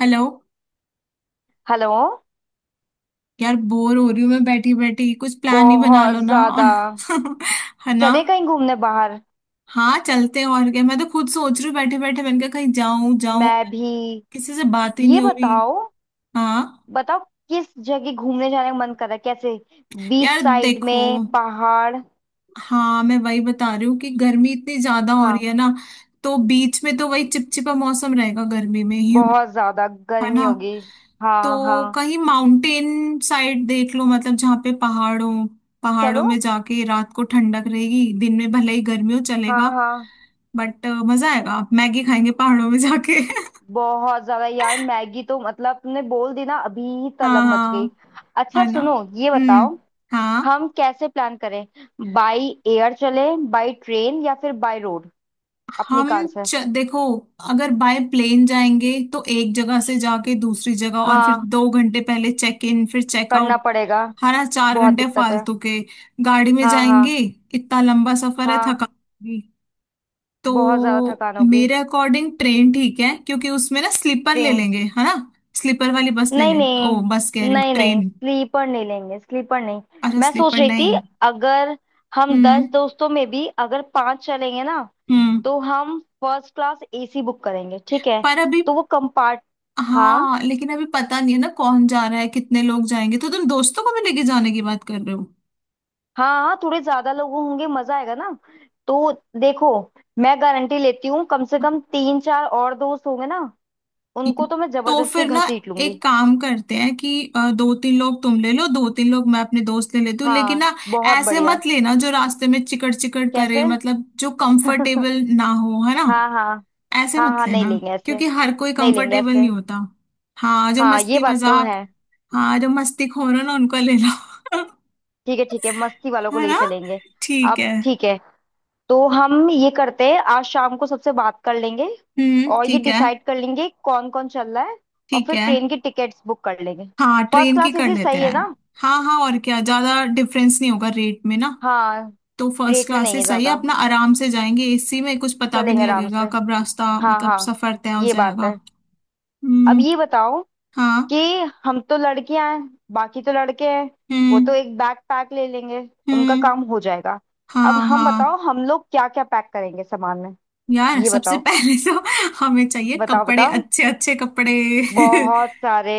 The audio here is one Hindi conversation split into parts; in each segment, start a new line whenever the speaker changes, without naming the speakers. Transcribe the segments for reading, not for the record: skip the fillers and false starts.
हेलो।
हेलो।
यार बोर हो रही हूँ मैं बैठी बैठी। कुछ प्लान ही बना
बहुत
लो ना।
ज्यादा।
है ना।
चले कहीं घूमने बाहर।
हाँ चलते हैं और क्या। मैं तो खुद सोच रही हूँ बैठे बैठे। मैंने कहा कहीं जाऊं जाऊं।
मैं भी।
किसी से बात ही
ये
नहीं हो रही।
बताओ।
हाँ।
बताओ किस जगह घूमने जाने का मन कर रहा है, कैसे? बीच
यार
साइड में
देखो।
पहाड़।
हाँ मैं वही बता रही हूँ कि गर्मी इतनी ज्यादा हो
हाँ,
रही है ना। तो बीच में तो वही चिपचिपा मौसम रहेगा गर्मी में ह्यूमिड।
बहुत ज्यादा
है
गर्मी
ना।
होगी। हाँ
तो
हाँ।
कहीं माउंटेन साइड देख लो मतलब जहाँ पे पहाड़ों पहाड़ों
चलो।
में जाके रात को ठंडक रहेगी दिन में भले ही गर्मी हो
हाँ
चलेगा।
हाँ।
बट मजा आएगा आप मैगी खाएंगे पहाड़ों में जाके।
बहुत ज्यादा यार। मैगी तो मतलब तुमने बोल दी ना, अभी ही
हाँ
तलब मच गई।
हाँ।
अच्छा
है ना।
सुनो। ये
हम्म।
बताओ।
हाँ।
हम कैसे प्लान करें? बाई एयर चले, बाई ट्रेन, या फिर बाई रोड, अपनी
हम
कार से।
देखो। अगर बाय प्लेन जाएंगे तो एक जगह से जाके दूसरी जगह और फिर
हाँ,
2 घंटे पहले चेक इन फिर
करना
चेकआउट।
पड़ेगा।
हरा चार
बहुत
घंटे
दिक्कत है।
फालतू के। गाड़ी में
हाँ हाँ।
जाएंगे इतना लंबा सफर है
हाँ,
थका। तो
बहुत ज्यादा थकान होगी।
मेरे अकॉर्डिंग ट्रेन ठीक है क्योंकि उसमें ना स्लीपर ले
ट्रेन।
लेंगे है ना। स्लीपर वाली बस ले
नहीं
लेंगे ओ बस कह
नहीं।
रही हूँ
नहीं
ट्रेन।
स्लीपर नहीं लेंगे, स्लीपर नहीं।
अच्छा
मैं सोच
स्लीपर
रही थी
नहीं।
अगर हम दस
हम्म
दोस्तों में भी अगर पांच चलेंगे ना,
हम्म।
तो हम फर्स्ट क्लास एसी बुक करेंगे। ठीक है,
पर अभी।
तो वो कंपार्ट। हाँ।
हाँ लेकिन अभी पता नहीं है ना कौन जा रहा है कितने लोग जाएंगे तो तुम दोस्तों को भी लेके जाने की बात कर रहे हो।
हाँ हाँ, थोड़े ज्यादा लोग होंगे मजा आएगा ना। तो देखो, मैं गारंटी लेती हूँ कम से कम तीन चार और दोस्त होंगे ना,
इ-
उनको तो मैं
तो
जबरदस्ती
फिर ना
घसीट
एक
लूंगी।
काम करते हैं कि दो तीन लोग तुम ले लो दो तीन लोग मैं अपने दोस्त ले लेती हूँ लेकिन
हाँ,
ना
बहुत
ऐसे
बढ़िया।
मत लेना जो रास्ते में चिकट चिकट करे
कैसे?
मतलब जो
हाँ।
कंफर्टेबल ना हो है ना।
हाँ। हाँ
ऐसे मत
हाँ, नहीं
लेना
लेंगे ऐसे,
क्योंकि हर कोई
नहीं लेंगे
कंफर्टेबल
ऐसे।
नहीं होता। हाँ जो
हाँ, ये
मस्ती
बात तो
मजाक।
है।
हाँ जो मस्ती खोर हो ना उनको ले लो।
ठीक है ठीक है, मस्ती वालों को
है
ले
ना।
चलेंगे।
ठीक
अब
है।
ठीक है, तो हम ये करते हैं आज शाम को सबसे बात कर लेंगे, और ये
ठीक है।
डिसाइड कर लेंगे कौन कौन चल रहा है, और
ठीक
फिर
है।
ट्रेन की टिकट्स बुक कर लेंगे।
हाँ
फर्स्ट
ट्रेन की
क्लास
कर
इसी
लेते
सही है
हैं।
ना।
हाँ हाँ और क्या ज्यादा डिफरेंस नहीं होगा रेट में ना।
हाँ।
तो फर्स्ट
रेट में
क्लास
नहीं
से
है
सही है
ज्यादा।
अपना आराम से जाएंगे एसी में कुछ पता भी
चलेंगे
नहीं
आराम
लगेगा
से।
कब रास्ता
हाँ
मतलब
हाँ।
सफर तय हो
ये बात
जाएगा।
है। अब
हम्म।
ये बताओ
हाँ।
कि हम तो लड़कियां हैं, बाकी तो लड़के हैं। वो
हम्म
तो एक बैग पैक ले लेंगे, उनका
हम्म।
काम हो जाएगा। अब
हाँ
हम
हाँ
बताओ, हम लोग क्या क्या पैक करेंगे सामान में?
यार
ये
सबसे
बताओ।
पहले तो। हमें चाहिए
बताओ
कपड़े
बताओ,
अच्छे अच्छे कपड़े।
बहुत सारे।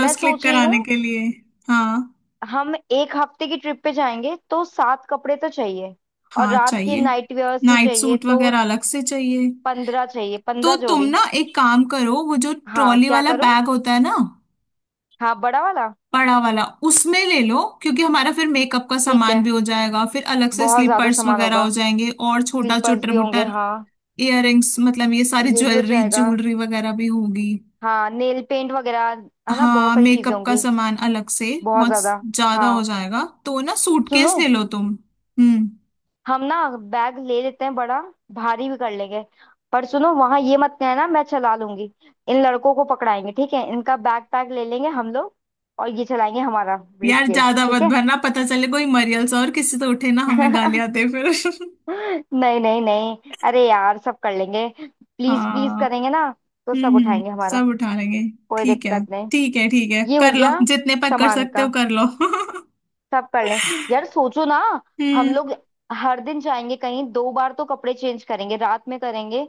मैं
क्लिक
सोच रही
कराने
हूँ
के लिए। हाँ
हम एक हफ्ते की ट्रिप पे जाएंगे तो सात कपड़े तो चाहिए, और
हाँ
रात के
चाहिए।
नाइट वेयर्स भी
नाइट
चाहिए,
सूट
तो
वगैरह अलग से चाहिए।
15 चाहिए,
तो
पंद्रह
तुम
जोड़ी
ना एक काम करो वो जो
हाँ,
ट्रॉली
क्या
वाला
करूँ?
बैग होता है ना
हाँ, बड़ा वाला।
बड़ा वाला। उसमें ले लो क्योंकि हमारा फिर मेकअप का
ठीक
सामान
है,
भी हो जाएगा फिर अलग से
बहुत ज्यादा
स्लीपर्स
सामान
वगैरह
होगा,
हो जाएंगे और छोटा
स्लीपर्स
चुटर
भी होंगे,
मुटर
हाँ।
इयररिंग्स मतलब ये सारी
ये भी हो
ज्वेलरी
जाएगा।
ज्वेलरी वगैरह भी होगी।
हाँ, नेल पेंट वगैरह, है ना, बहुत
हाँ
सारी चीजें
मेकअप का
होंगी।
सामान अलग से
बहुत
बहुत
ज्यादा।
ज्यादा हो
हाँ
जाएगा तो ना सूटकेस
सुनो,
ले लो तुम। हम्म।
हम ना बैग ले लेते हैं बड़ा, भारी भी कर लेंगे, पर सुनो वहां ये मत कहना मैं चला लूंगी। इन लड़कों को पकड़ाएंगे, ठीक है, इनका बैग पैक ले लेंगे हम लोग, और ये चलाएंगे हमारा ब्रीफ
यार
केस,
ज्यादा मत
ठीक है।
भरना पता चले कोई मरियल्स और किसी तो उठे ना हमें गालियां दे फिर।
नहीं नहीं नहीं, अरे यार सब कर लेंगे, प्लीज प्लीज
हाँ।
करेंगे ना, तो सब उठाएंगे हमारा,
सब उठा लेंगे।
कोई
ठीक है।
दिक्कत नहीं।
ठीक है ठीक है
ये हो
कर लो
गया
जितने पर कर
सामान
सकते
का,
हो कर लो।
सब कर लें। यार सोचो ना, हम
हम्म।
लोग हर दिन जाएंगे कहीं, दो बार तो कपड़े चेंज करेंगे, रात में करेंगे,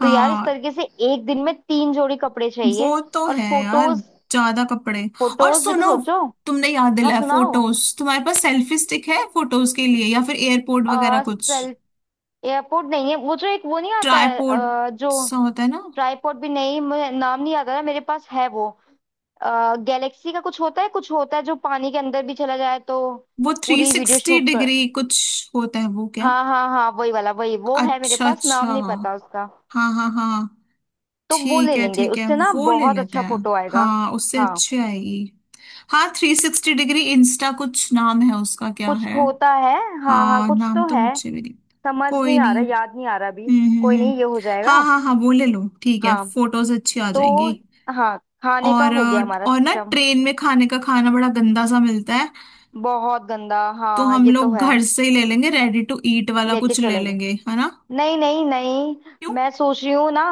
तो यार इस
हाँ
तरीके से एक दिन में तीन जोड़ी कपड़े चाहिए।
वो तो
और
है यार
फोटोज,
ज्यादा कपड़े। और
फोटोज भी तो
सुनो
सोचो।
तुमने याद
हाँ
दिलाया
सुनाओ।
फोटोज तुम्हारे पास सेल्फी स्टिक है फोटोज के लिए या फिर एयरपोर्ट वगैरह
आ,
कुछ।
सेल एयरपोर्ट नहीं है, वो जो एक, वो नहीं आता है
ट्राईपोड
जो
सा होता है ना।
ट्राईपोर्ट, भी नहीं मुझे नाम नहीं आता ना, मेरे पास है वो। गैलेक्सी का कुछ होता है, कुछ होता है जो पानी के अंदर भी चला जाए, तो
वो थ्री
पूरी वीडियो
सिक्सटी
शूट कर।
डिग्री कुछ होता है वो क्या।
हाँ हाँ हाँ, वही वाला, वही वो है मेरे
अच्छा
पास, नाम
अच्छा।
नहीं पता उसका।
हाँ हाँ हाँ।
तो वो ले लेंगे,
ठीक है
उससे ना
वो ले
बहुत
लेते
अच्छा
हैं।
फोटो आएगा।
हाँ उससे
हाँ,
अच्छी आएगी। हाँ 360 डिग्री इंस्टा कुछ नाम है उसका क्या
कुछ
है।
होता है। हाँ हाँ
हाँ
कुछ
नाम
तो
तो
है।
मुझे भी नहीं।
समझ
कोई
नहीं आ रहा,
नहीं।
याद नहीं आ रहा अभी।
हम्म हम्म
कोई
हम्म।
नहीं, ये हो
हाँ
जाएगा।
हाँ हाँ वो ले लो ठीक है
हाँ।
फोटोज अच्छी आ
तो
जाएंगी।
हाँ, खाने का
और
हो गया हमारा
और ना
सिस्टम।
ट्रेन में खाने का खाना बड़ा गंदा सा मिलता है।
बहुत गंदा,
तो
हाँ
हम
ये तो
लोग
है।
घर से ही ले लेंगे रेडी टू ईट वाला
लेके
कुछ ले
चलेंगे।
लेंगे है ना।
नहीं नहीं नहीं,
क्यों।
मैं सोच रही हूँ ना,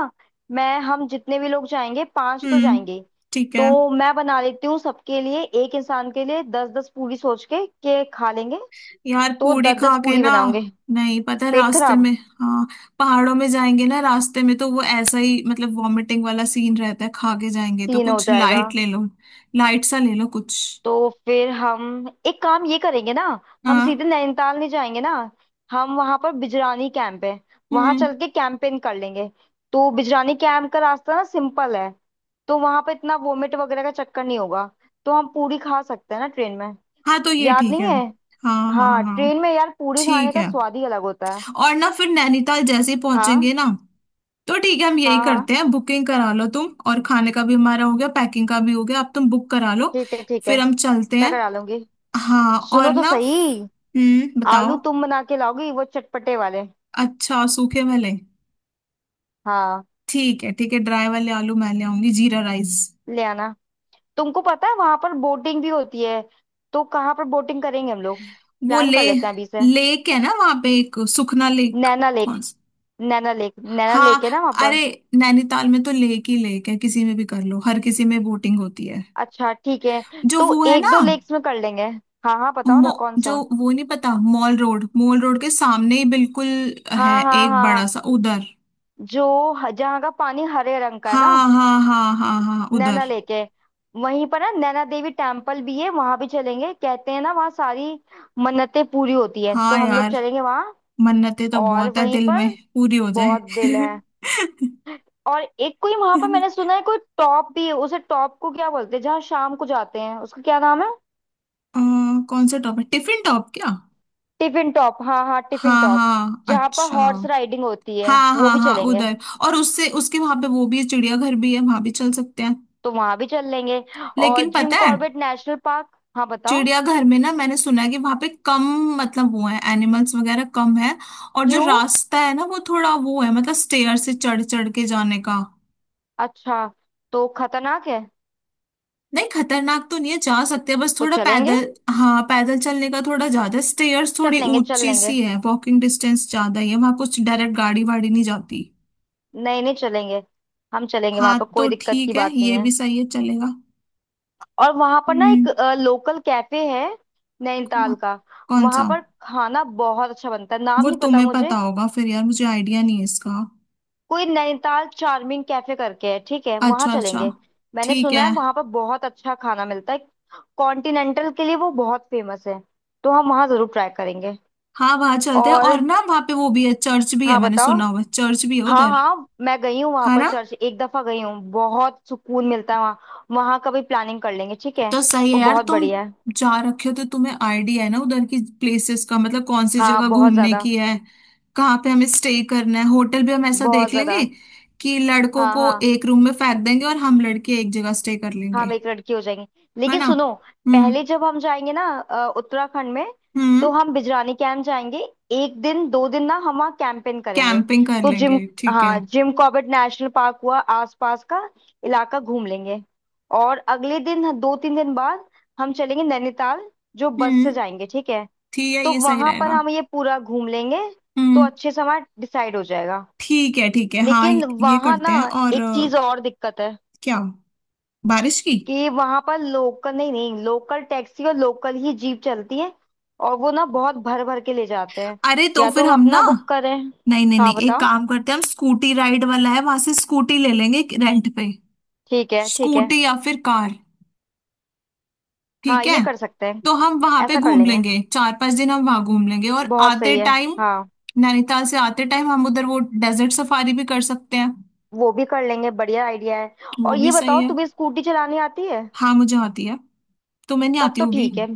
मैं, हम जितने भी लोग जाएंगे पांच तो
हम्म
जाएंगे,
ठीक है।
तो मैं बना लेती हूँ सबके लिए, एक इंसान के लिए 10 10 पूरी सोच के खा लेंगे,
यार
तो
पूड़ी
दस दस
खा के
पूरी
ना
बनाऊंगे।
नहीं पता है,
पेट
रास्ते में।
खराब।
हाँ। पहाड़ों में जाएंगे ना रास्ते में तो वो ऐसा ही मतलब वॉमिटिंग वाला सीन रहता है खा के जाएंगे तो
तीन हो
कुछ
जाएगा।
लाइट ले लो। लाइट सा ले लो कुछ।
तो फिर हम एक काम ये करेंगे ना, हम
हाँ।
सीधे नैनीताल नहीं जाएंगे ना, हम वहां पर बिजरानी कैंप है, वहां
हम्म।
चल के कैंपेन कर लेंगे, तो बिजरानी कैंप का रास्ता ना सिंपल है, तो वहां पर इतना वोमिट वगैरह का चक्कर नहीं होगा, तो हम पूरी खा सकते हैं ना ट्रेन में।
हाँ तो ये
याद
ठीक है
नहीं है।
हाँ हाँ
हाँ,
हाँ।
ट्रेन में यार पूरी खाने
ठीक
का
है
स्वाद ही अलग होता है।
और ना फिर नैनीताल जैसे ही
हाँ
पहुंचेंगे ना तो ठीक है हम यही
हाँ हाँ।
करते हैं बुकिंग करा लो तुम और खाने का भी हमारा हो गया पैकिंग का भी हो गया अब तुम बुक करा लो।
ठीक है ठीक
फिर
है,
हम चलते
मैं
हैं।
करा लूंगी।
हाँ और
सुनो तो
ना।
सही, आलू
बताओ।
तुम बना के लाओगी, वो चटपटे वाले।
अच्छा सूखे वाले।
हाँ,
ठीक है ड्राई वाले आलू मैं ले आऊंगी जीरा राइस।
ले आना। तुमको पता है वहां पर बोटिंग भी होती है, तो कहाँ पर बोटिंग करेंगे हम लोग?
वो
प्लान
ले
कर लेते हैं अभी से।
लेक है ना वहां पे एक सुखना लेक।
नैना लेक।
कौन सा।
नैना लेक, नैना
हाँ।
लेक है ना वहां पर।
अरे नैनीताल में तो लेक ही लेक है किसी में भी कर लो हर किसी में बोटिंग होती है।
अच्छा ठीक है,
जो
तो
वो है
एक
ना
दो लेक्स में कर लेंगे। हाँ हाँ बताओ ना कौन सा।
जो वो नहीं पता मॉल रोड के सामने ही बिल्कुल है
हाँ हाँ
एक बड़ा
हाँ।
सा उधर।
जो, जहाँ का पानी हरे रंग का है
हाँ
ना,
हाँ हाँ हाँ हाँ उधर।
नैना लेक है। वहीं पर ना नैना देवी टेम्पल भी है, वहां भी चलेंगे, कहते हैं ना वहाँ सारी मन्नतें पूरी होती है, तो
हाँ
हम लोग
यार
चलेंगे वहां।
मन्नतें तो
और
बहुत है
वहीं
दिल में
पर,
पूरी हो जाए।
बहुत दिल है। और एक कोई वहां पर, मैंने सुना है कोई टॉप भी है, उसे टॉप को क्या बोलते हैं जहाँ शाम को जाते हैं, उसका क्या नाम है?
अ, कौन सा टॉप है टिफिन टॉप क्या।
टिफिन टॉप, हाँ हाँ टिफिन
हाँ
टॉप।
हाँ
जहाँ पर
अच्छा।
हॉर्स राइडिंग होती है,
हाँ
वो
हाँ
भी
हाँ
चलेंगे।
उधर। और उससे उसके वहां पे वो भी है चिड़ियाघर भी है वहां भी चल सकते हैं।
तो वहां भी चल लेंगे। और
लेकिन
जिम
पता है
कॉर्बेट नेशनल पार्क। हाँ बताओ।
चिड़ियाघर में ना मैंने सुना है कि वहां पे कम मतलब वो है एनिमल्स वगैरह कम है। और जो
क्यों?
रास्ता है ना वो थोड़ा वो है मतलब स्टेयर से चढ़ चढ़ के जाने का।
अच्छा, तो खतरनाक है।
नहीं खतरनाक तो नहीं है जा सकते हैं बस
तो
थोड़ा
चलेंगे।
पैदल। हाँ पैदल चलने का थोड़ा ज्यादा है स्टेयर्स
चल
थोड़ी
लेंगे चल
ऊंची
लेंगे,
सी है वॉकिंग डिस्टेंस ज्यादा ही है वहां कुछ डायरेक्ट गाड़ी वाड़ी नहीं जाती।
नहीं नहीं, चलेंगे हम, चलेंगे वहां
हाँ
पर,
तो
कोई दिक्कत की
ठीक है
बात नहीं
ये
है।
भी सही है चलेगा।
और वहां पर ना
हम्म।
एक लोकल कैफे है, नैनीताल
कौन
का,
कौन
वहां
सा।
पर खाना बहुत अच्छा बनता है, नाम
वो
नहीं पता
तुम्हें पता
मुझे,
होगा फिर यार मुझे आइडिया नहीं है इसका।
कोई नैनीताल चार्मिंग कैफे करके है, ठीक है, वहां
अच्छा अच्छा।
चलेंगे। मैंने
ठीक
सुना
है।
है वहां पर बहुत अच्छा खाना मिलता है, कॉन्टिनेंटल के लिए वो बहुत फेमस है, तो हम वहां जरूर ट्राई करेंगे।
हाँ वहाँ चलते हैं और
और,
ना वहाँ पे वो भी है चर्च भी है
हाँ
मैंने
बताओ।
सुना हुआ है चर्च भी है
हाँ
उधर।
हाँ, मैं गई हूँ वहां
है
पर
ना।
चर्च, एक दफा गई हूँ, बहुत सुकून मिलता है वहाँ, वहां का भी प्लानिंग कर लेंगे, ठीक है।
तो सही है
वो
यार
बहुत
तुम
बढ़िया है।
जा रखे हो तो तुम्हें आइडिया है ना उधर की प्लेसेस का मतलब कौन सी
हाँ,
जगह
बहुत
घूमने
ज्यादा।
की है। कहाँ पे हमें स्टे करना है होटल भी हम ऐसा
बहुत
देख
ज्यादा।
लेंगे कि लड़कों
हाँ
को
हाँ,
एक रूम में फेंक देंगे और हम लड़के एक जगह स्टे कर लेंगे।
हम एक लड़की हो जाएंगे।
है
लेकिन
ना।
सुनो,
हम्म।
पहले जब हम जाएंगे ना उत्तराखंड में,
हम्म।
तो हम बिजरानी कैंप जाएंगे, एक दिन दो दिन ना हम वहाँ कैंपेन करेंगे,
कैंपिंग कर
तो जिम,
लेंगे ठीक
हाँ
है।
जिम कॉर्बेट नेशनल पार्क हुआ, आसपास का इलाका घूम लेंगे, और अगले दिन दो तीन दिन बाद हम चलेंगे नैनीताल, जो बस से
हम्म
जाएंगे, ठीक है।
ठीक है
तो
ये सही
वहां पर
रहेगा।
हम ये पूरा घूम लेंगे, तो
हम्म।
अच्छे से हमारा डिसाइड हो जाएगा।
ठीक है हाँ
लेकिन
ये
वहां
करते
ना
हैं और
एक चीज और दिक्कत है,
क्या। बारिश की।
कि वहां पर लोकल, नहीं नहीं, लोकल टैक्सी और लोकल ही जीप चलती है, और वो ना बहुत भर भर के ले जाते हैं,
अरे तो
या तो
फिर
हम
हम ना
अपना बुक करें।
नहीं नहीं
हाँ
नहीं एक
बताओ।
काम करते हैं हम स्कूटी राइड वाला है वहां से स्कूटी ले लेंगे रेंट पे।
ठीक है ठीक है।
स्कूटी या फिर कार।
हाँ
ठीक
ये
है।
कर सकते हैं।
तो हम वहां पे
ऐसा कर
घूम
लेंगे,
लेंगे चार पांच दिन हम वहां घूम लेंगे और
बहुत
आते
सही है।
टाइम
हाँ।
नैनीताल से आते टाइम हम उधर वो डेजर्ट सफारी भी कर सकते हैं।
वो भी कर लेंगे, बढ़िया आइडिया है।
वो
और
भी
ये
सही
बताओ,
है।
तुम्हें स्कूटी चलानी आती है?
हाँ मुझे आती है। तुम्हें नहीं
तब
आती
तो
होगी।
ठीक है,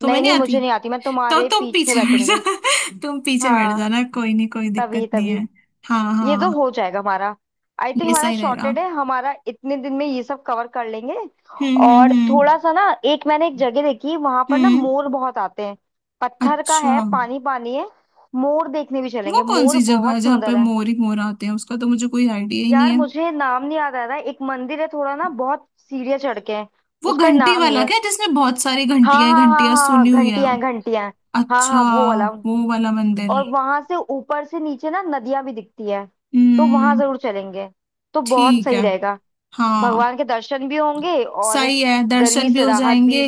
तुम्हें
नहीं
नहीं
नहीं
आती
मुझे नहीं आती, मैं
तो
तुम्हारे
तुम
पीछे
पीछे बैठ
बैठूंगी।
जा। तुम पीछे बैठ
हाँ,
जाना कोई नहीं कोई
तभी
दिक्कत नहीं
तभी।
है। हाँ
ये तो
हाँ।
हो जाएगा हमारा, आई थिंक
ये
हमारा
सही रहेगा।
शॉर्टेड है, हमारा इतने दिन में ये सब कवर कर लेंगे।
हम्म हम्म
और
हम्म
थोड़ा सा ना, एक, मैंने एक जगह देखी वहां पर ना
हम्म।
मोर बहुत आते हैं, पत्थर का
अच्छा।
है, पानी पानी है, मोर देखने भी
वो
चलेंगे,
कौन
मोर
सी जगह
बहुत
है जहाँ पे
सुंदर है।
मोर ही मोर आते हैं उसका तो मुझे कोई आइडिया ही नहीं
यार
है।
मुझे नाम नहीं याद आ रहा है। एक मंदिर है, थोड़ा ना बहुत सीढ़ियाँ चढ़ के हैं,
वो
उसका
घंटी
नाम नहीं
वाला
है।
क्या जिसमें बहुत सारी
हाँ
घंटियां
हाँ हाँ
घंटियां
हाँ हाँ,
सुनी हुई है।
घंटियां हैं, घंटियां हैं। हाँ हाँ,
अच्छा।
वो वाला।
वो वाला मंदिर।
और वहां से ऊपर से नीचे ना नदियां भी दिखती है, तो वहां
हम्म।
जरूर चलेंगे, तो बहुत
ठीक
सही
है
रहेगा,
हाँ
भगवान के दर्शन भी होंगे, और
सही है दर्शन
गर्मी
भी
से
हो
राहत
जाएंगे।
भी।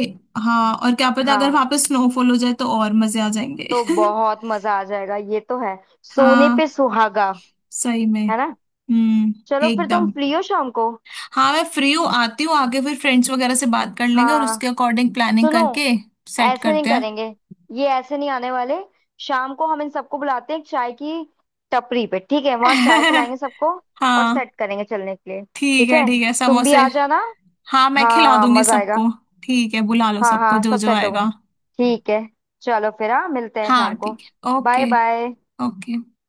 हाँ और क्या पता अगर
हाँ,
वहां पे स्नोफॉल हो जाए तो और मजे आ जाएंगे।
तो बहुत मजा आ जाएगा ये तो है, सोने
हाँ
पे सुहागा।
सही में।
है ना।
हम्म।
चलो फिर, तुम
एकदम।
फ्री हो शाम को।
हाँ मैं फ्री हूँ आती हूँ आके फिर फ्रेंड्स वगैरह से बात कर लेंगे और
हाँ
उसके अकॉर्डिंग प्लानिंग
सुनो,
करके सेट
ऐसे नहीं
करते
करेंगे, ये ऐसे नहीं आने वाले, शाम को हम इन सबको बुलाते हैं एक चाय की टपरी पे, ठीक है, वहां चाय
हैं।
पिलाएंगे सबको और
हाँ
सेट करेंगे चलने के लिए। ठीक है,
ठीक है
तुम भी
समोसे।
आ जाना।
हाँ मैं खिला
हाँ
दूंगी
मजा आएगा।
सबको। ठीक है बुला लो
हाँ
सबको
हाँ
जो
सब
जो
सेट होंगे।
आएगा।
ठीक है। चलो फिर, हाँ मिलते हैं
हाँ
शाम को।
ठीक है
बाय
ओके।
बाय।
ओके।